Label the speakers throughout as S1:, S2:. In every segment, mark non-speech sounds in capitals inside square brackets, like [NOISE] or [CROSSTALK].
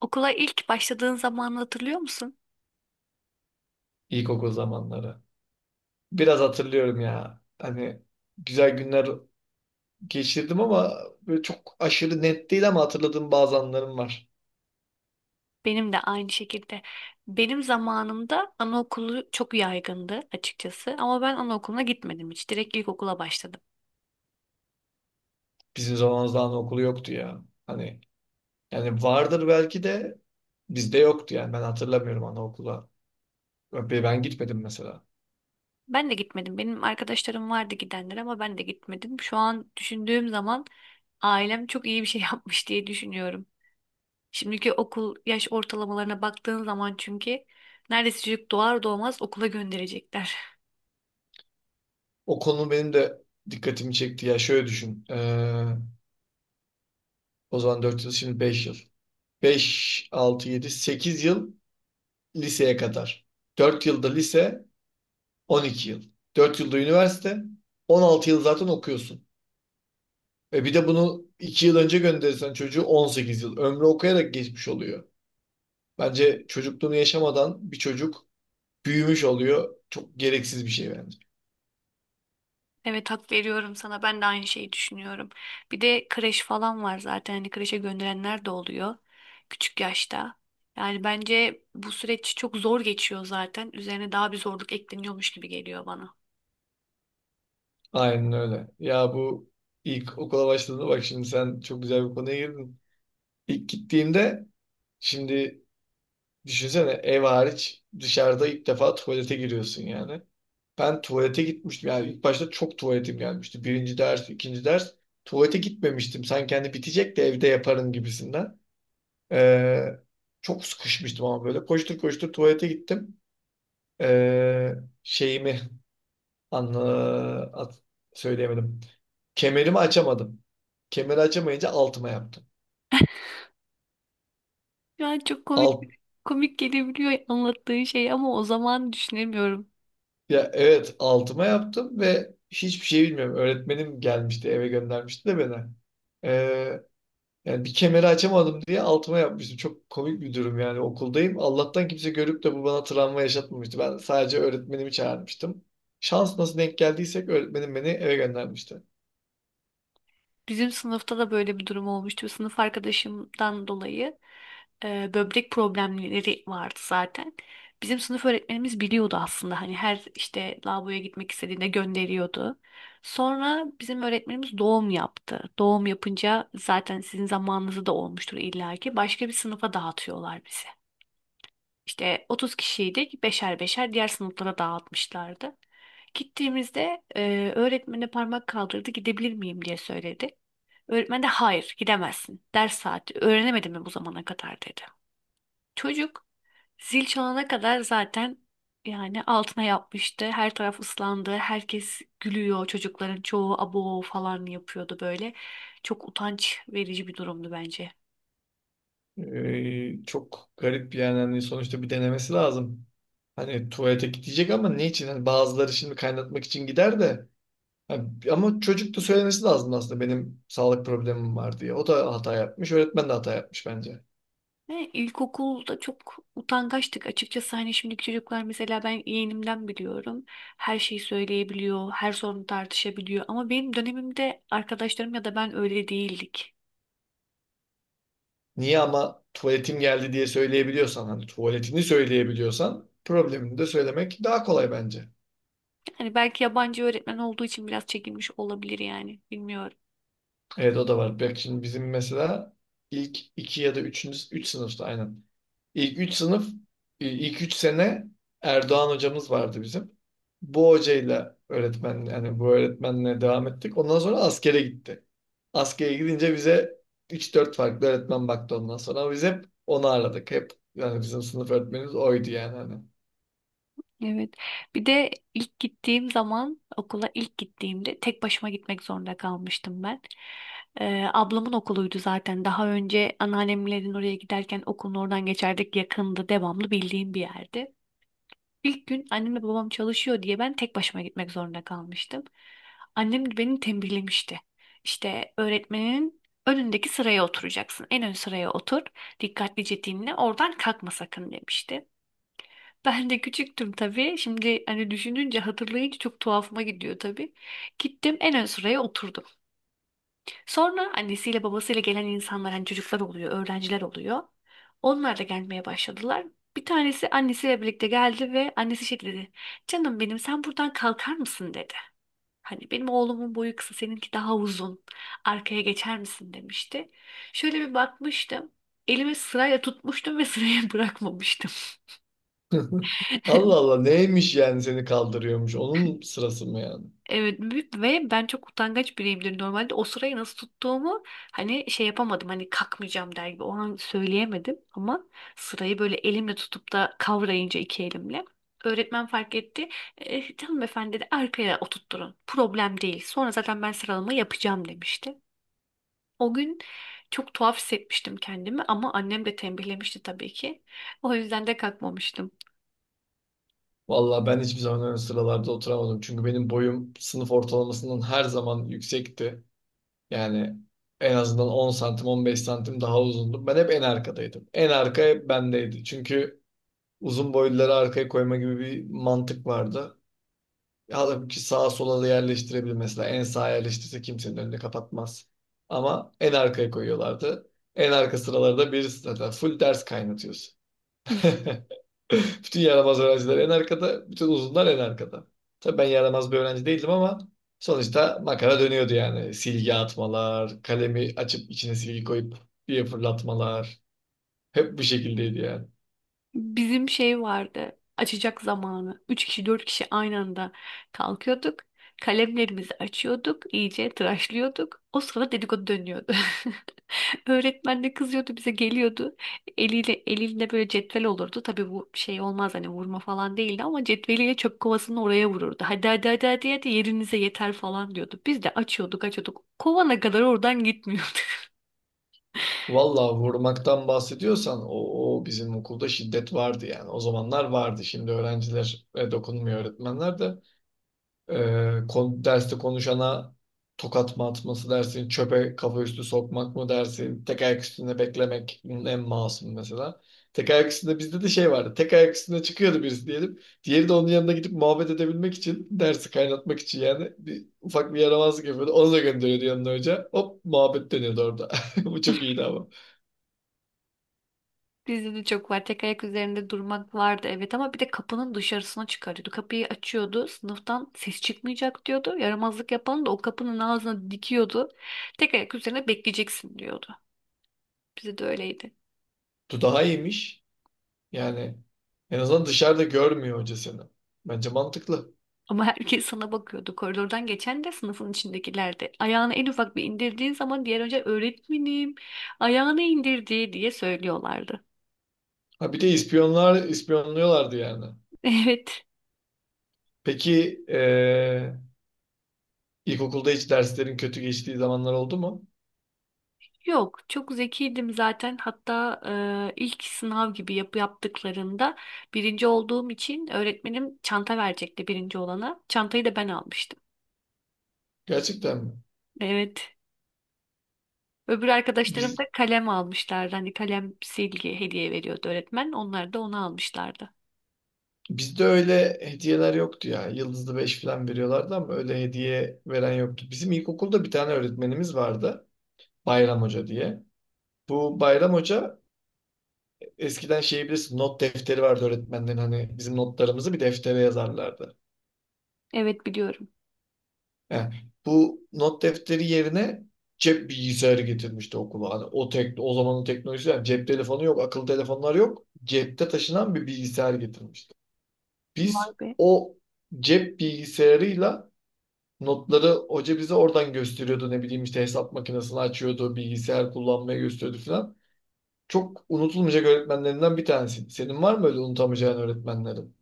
S1: Okula ilk başladığın zamanı hatırlıyor musun?
S2: İlkokul zamanları. Biraz hatırlıyorum ya. Hani güzel günler geçirdim ama böyle çok aşırı net değil ama hatırladığım bazı anlarım var.
S1: Benim de aynı şekilde. Benim zamanımda anaokulu çok yaygındı açıkçası ama ben anaokuluna gitmedim hiç. Direkt ilkokula başladım.
S2: Bizim zamanımızda anaokulu yoktu ya. Hani yani vardır belki de bizde yoktu, yani ben hatırlamıyorum anaokula. Ben gitmedim mesela.
S1: Ben de gitmedim. Benim arkadaşlarım vardı gidenler ama ben de gitmedim. Şu an düşündüğüm zaman ailem çok iyi bir şey [LAUGHS] yapmış diye düşünüyorum. Şimdiki okul yaş ortalamalarına baktığın zaman çünkü neredeyse çocuk doğar doğmaz okula gönderecekler.
S2: O konu benim de dikkatimi çekti ya. Şöyle düşün. O zaman 4 yıl, şimdi 5 yıl. Beş, altı, yedi, 8 yıl liseye kadar. 4 yılda lise, 12 yıl. 4 yılda üniversite. 16 yıl zaten okuyorsun. Ve bir de bunu 2 yıl önce gönderirsen çocuğu 18 yıl. Ömrü okuyarak geçmiş oluyor. Bence çocukluğunu yaşamadan bir çocuk büyümüş oluyor. Çok gereksiz bir şey bence.
S1: Evet, hak veriyorum sana. Ben de aynı şeyi düşünüyorum. Bir de kreş falan var zaten. Hani kreşe gönderenler de oluyor küçük yaşta. Yani bence bu süreç çok zor geçiyor zaten. Üzerine daha bir zorluk ekleniyormuş gibi geliyor bana.
S2: Aynen öyle. Ya bu ilk okula başladığında, bak şimdi sen çok güzel bir konuya girdin. İlk gittiğimde şimdi düşünsene, ev hariç dışarıda ilk defa tuvalete giriyorsun yani. Ben tuvalete gitmiştim, yani ilk başta çok tuvaletim gelmişti. Birinci ders, ikinci ders tuvalete gitmemiştim. Sanki hani bitecek de evde yaparım gibisinden. Ee, Çok sıkışmıştım ama böyle koştur koştur tuvalete gittim. Ee, Şeyimi anla, at- söyleyemedim. Kemerimi açamadım. Kemeri açamayınca altıma yaptım.
S1: Yani çok komik,
S2: Alt.
S1: komik gelebiliyor anlattığın şey ama o zaman düşünemiyorum.
S2: Ya evet, altıma yaptım ve hiçbir şey bilmiyorum. Öğretmenim gelmişti, eve göndermişti de beni. Ee, Yani bir kemeri açamadım diye altıma yapmıştım. Çok komik bir durum, yani okuldayım. Allah'tan kimse görüp de bu bana travma yaşatmamıştı. Ben sadece öğretmenimi çağırmıştım. Şans nasıl denk geldiysek öğretmenim beni eve göndermişti.
S1: Bizim sınıfta da böyle bir durum olmuştu. Sınıf arkadaşımdan dolayı böbrek problemleri vardı zaten. Bizim sınıf öğretmenimiz biliyordu aslında. Hani her işte lavaboya gitmek istediğinde gönderiyordu. Sonra bizim öğretmenimiz doğum yaptı. Doğum yapınca zaten sizin zamanınızda da olmuştur illaki. Başka bir sınıfa dağıtıyorlar bizi. İşte 30 kişiydik. Beşer beşer diğer sınıflara dağıtmışlardı. Gittiğimizde öğretmene parmak kaldırdı. Gidebilir miyim diye söyledi. Öğretmen de hayır, gidemezsin. Ders saati öğrenemedin mi bu zamana kadar, dedi. Çocuk zil çalana kadar zaten yani altına yapmıştı. Her taraf ıslandı. Herkes gülüyor. Çocukların çoğu abo falan yapıyordu böyle. Çok utanç verici bir durumdu bence.
S2: Çok garip yani, hani sonuçta bir denemesi lazım. Hani tuvalete gidecek ama ne için? Hani bazıları şimdi kaynatmak için gider de Ha, ama çocuk da söylemesi lazım aslında benim sağlık problemim var diye. O da hata yapmış, öğretmen de hata yapmış bence.
S1: Ne, ilkokulda çok utangaçtık açıkçası, hani şimdiki çocuklar mesela, ben yeğenimden biliyorum her şeyi söyleyebiliyor, her sorunu tartışabiliyor ama benim dönemimde arkadaşlarım ya da ben öyle değildik.
S2: Niye ama tuvaletim geldi diye söyleyebiliyorsan, hani tuvaletini söyleyebiliyorsan problemini de söylemek daha kolay bence.
S1: Yani belki yabancı öğretmen olduğu için biraz çekinmiş olabilir, yani bilmiyorum.
S2: Evet, o da var. Bak şimdi bizim mesela ilk iki ya da üçüncü, üç sınıfta aynen. İlk 3 sınıf, ilk 3 sene Erdoğan hocamız vardı bizim. Bu hocayla öğretmen, yani bu öğretmenle devam ettik. Ondan sonra askere gitti. Askere gidince bize 3 4 farklı öğretmen baktı ondan sonra. Ama biz hep onu aradık. Hep, yani bizim sınıf öğretmenimiz oydu yani hani.
S1: Evet. Bir de ilk gittiğim zaman, okula ilk gittiğimde tek başıma gitmek zorunda kalmıştım ben. Ablamın okuluydu zaten. Daha önce anneannemlerin oraya giderken okulun oradan geçerdik. Yakındı, devamlı bildiğim bir yerdi. İlk gün annemle babam çalışıyor diye ben tek başıma gitmek zorunda kalmıştım. Annem de beni tembihlemişti. İşte öğretmenin önündeki sıraya oturacaksın. En ön sıraya otur. Dikkatlice dinle. Oradan kalkma sakın, demişti. Ben de küçüktüm tabii. Şimdi hani düşününce, hatırlayınca çok tuhafıma gidiyor tabii. Gittim, en ön sıraya oturdum. Sonra annesiyle babasıyla gelen insanlar, hani çocuklar oluyor, öğrenciler oluyor. Onlar da gelmeye başladılar. Bir tanesi annesiyle birlikte geldi ve annesi şey dedi. Canım benim, sen buradan kalkar mısın, dedi. Hani benim oğlumun boyu kısa, seninki daha uzun. Arkaya geçer misin, demişti. Şöyle bir bakmıştım. Elimi sırayla tutmuştum ve sıraya bırakmamıştım.
S2: [LAUGHS] Allah
S1: [LAUGHS]
S2: Allah, neymiş yani, seni kaldırıyormuş. Onun sırası mı yani?
S1: Evet, büyük ve ben çok utangaç biriyimdir normalde. O sırayı nasıl tuttuğumu hani şey yapamadım. Hani kalkmayacağım der gibi o an söyleyemedim ama sırayı böyle elimle tutup da kavrayınca iki elimle, öğretmen fark etti. Canım efendi, dedi, arkaya oturtturun. Problem değil. Sonra zaten ben sıralama yapacağım, demişti. O gün çok tuhaf hissetmiştim kendimi ama annem de tembihlemişti tabii ki. O yüzden de kalkmamıştım.
S2: Vallahi ben hiçbir zaman ön sıralarda oturamadım. Çünkü benim boyum sınıf ortalamasından her zaman yüksekti. Yani en azından 10 santim, 15 santim daha uzundum. Ben hep en arkadaydım. En arka hep bendeydi. Çünkü uzun boyluları arkaya koyma gibi bir mantık vardı. Halbuki sağa sola da yerleştirebilir mesela. En sağa yerleştirse kimsenin önünü kapatmaz. Ama en arkaya koyuyorlardı. En arka sıralarda birisi zaten full ders kaynatıyorsun. [LAUGHS]
S1: [LAUGHS]
S2: Bütün yaramaz öğrenciler en arkada, bütün uzunlar en arkada. Tabii ben yaramaz bir öğrenci değildim ama sonuçta makara dönüyordu yani. Silgi atmalar, kalemi açıp içine silgi koyup diye fırlatmalar. Hep bu şekildeydi yani.
S1: Bizim şey vardı. Açacak zamanı. Üç kişi, dört kişi aynı anda kalkıyorduk. Kalemlerimizi açıyorduk, iyice tıraşlıyorduk. O sırada dedikodu dönüyordu. [LAUGHS] Öğretmen de kızıyordu, bize geliyordu. Eliyle, elinde böyle cetvel olurdu. Tabii bu şey olmaz hani, vurma falan değildi ama cetveliyle çöp kovasını oraya vururdu. Hadi hadi hadi hadi, hadi yerinize yeter falan diyordu. Biz de açıyorduk. Kovana kadar oradan gitmiyordu.
S2: Vallahi vurmaktan bahsediyorsan o bizim okulda şiddet vardı yani. O zamanlar vardı. Şimdi öğrencilere dokunmuyor öğretmenler de. Derste konuşana tokat mı atması dersin, çöpe kafa üstü sokmak mı dersin, tek ayak üstünde beklemek bunun en masum mesela. Tek ayak üstünde bizde de şey vardı. Tek ayak üstünde çıkıyordu birisi diyelim. Diğeri de onun yanına gidip muhabbet edebilmek için, dersi kaynatmak için yani ufak bir yaramazlık yapıyordu. Onu da gönderiyordu yanına hoca. Hop, muhabbet dönüyordu orada. [LAUGHS] Bu çok
S1: [LAUGHS]
S2: iyiydi ama.
S1: Bizde de çok var. Tek ayak üzerinde durmak vardı evet, ama bir de kapının dışarısına çıkarıyordu. Kapıyı açıyordu. Sınıftan ses çıkmayacak, diyordu. Yaramazlık yapan da o kapının ağzına dikiyordu. Tek ayak üzerine bekleyeceksin, diyordu. Bize de öyleydi.
S2: Bu daha iyiymiş. Yani en azından dışarıda görmüyor hoca seni. Bence mantıklı.
S1: Ama herkes sana bakıyordu. Koridordan geçen de, sınıfın içindekiler de. Ayağını en ufak bir indirdiğin zaman diğer önce öğretmenim ayağını indirdi diye söylüyorlardı.
S2: Ha bir de ispiyonlar, ispiyonluyorlardı yani.
S1: [LAUGHS] Evet.
S2: Peki ilkokulda hiç derslerin kötü geçtiği zamanlar oldu mu?
S1: Yok, çok zekiydim zaten. Hatta ilk sınav gibi yaptıklarında birinci olduğum için öğretmenim çanta verecekti birinci olana. Çantayı da ben almıştım.
S2: Gerçekten mi?
S1: Evet. Öbür arkadaşlarım da
S2: Biz,
S1: kalem almışlardı. Hani kalem silgi hediye veriyordu öğretmen. Onlar da onu almışlardı.
S2: Bizde öyle hediyeler yoktu ya. Yıldızlı beş falan veriyorlardı ama öyle hediye veren yoktu. Bizim ilkokulda bir tane öğretmenimiz vardı. Bayram Hoca diye. Bu Bayram Hoca eskiden, şey bilirsin, not defteri vardı öğretmenlerin, hani bizim notlarımızı bir deftere yazarlardı.
S1: Evet, biliyorum.
S2: Yani bu not defteri yerine cep bilgisayarı getirmişti okula. Hani o tek, o zamanın teknolojisi yani, cep telefonu yok, akıllı telefonlar yok. Cepte taşınan bir bilgisayar getirmişti.
S1: Vay
S2: Biz
S1: be.
S2: o cep bilgisayarıyla notları hoca bize oradan gösteriyordu. Ne bileyim işte hesap makinesini açıyordu, bilgisayar kullanmayı gösteriyordu falan. Çok unutulmayacak öğretmenlerinden bir tanesi. Senin var mı öyle unutamayacağın öğretmenlerin?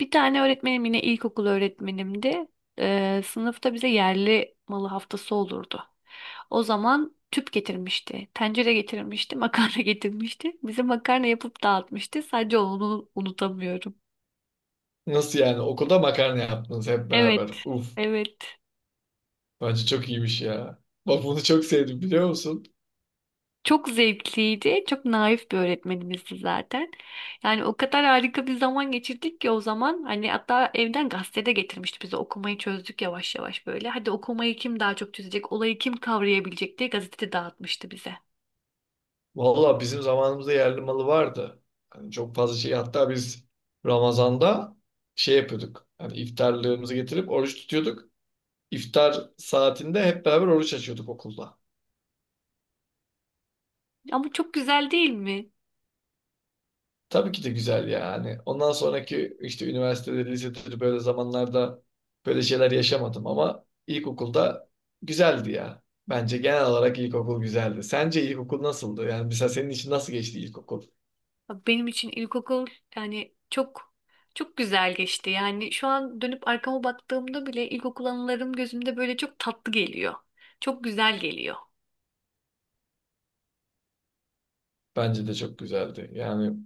S1: Bir tane öğretmenim yine ilkokul öğretmenimdi. Sınıfta bize yerli malı haftası olurdu. O zaman tüp getirmişti, tencere getirmişti, makarna [LAUGHS] getirmişti. Bize makarna yapıp dağıtmıştı. Sadece onu unutamıyorum.
S2: Nasıl yani? Okulda makarna yaptınız hep beraber.
S1: Evet,
S2: Uf.
S1: evet.
S2: Bence çok iyiymiş ya. Bak bunu çok sevdim, biliyor musun?
S1: Çok zevkliydi. Çok naif bir öğretmenimizdi zaten. Yani o kadar harika bir zaman geçirdik ki o zaman. Hani hatta evden gazete de getirmişti bize. Okumayı çözdük yavaş yavaş böyle. Hadi okumayı kim daha çok çözecek, olayı kim kavrayabilecek diye gazete dağıtmıştı bize.
S2: Valla bizim zamanımızda yerli malı vardı. Hani çok fazla şey, hatta biz Ramazan'da şey yapıyorduk. Hani iftarlığımızı getirip oruç tutuyorduk. İftar saatinde hep beraber oruç açıyorduk okulda.
S1: Ama çok güzel değil mi?
S2: Tabii ki de güzel yani. Ondan sonraki işte üniversitede, lisede böyle zamanlarda böyle şeyler yaşamadım ama ilkokulda güzeldi ya. Bence genel olarak ilkokul güzeldi. Sence ilkokul nasıldı? Yani mesela senin için nasıl geçti ilkokul?
S1: Abi, benim için ilkokul yani çok çok güzel geçti. Yani şu an dönüp arkama baktığımda bile ilkokul anılarım gözümde böyle çok tatlı geliyor. Çok güzel geliyor.
S2: Bence de çok güzeldi. Yani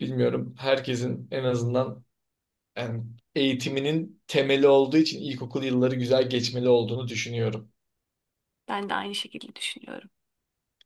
S2: bilmiyorum, herkesin en azından, yani eğitiminin temeli olduğu için ilkokul yılları güzel geçmeli olduğunu düşünüyorum.
S1: Ben de aynı şekilde düşünüyorum.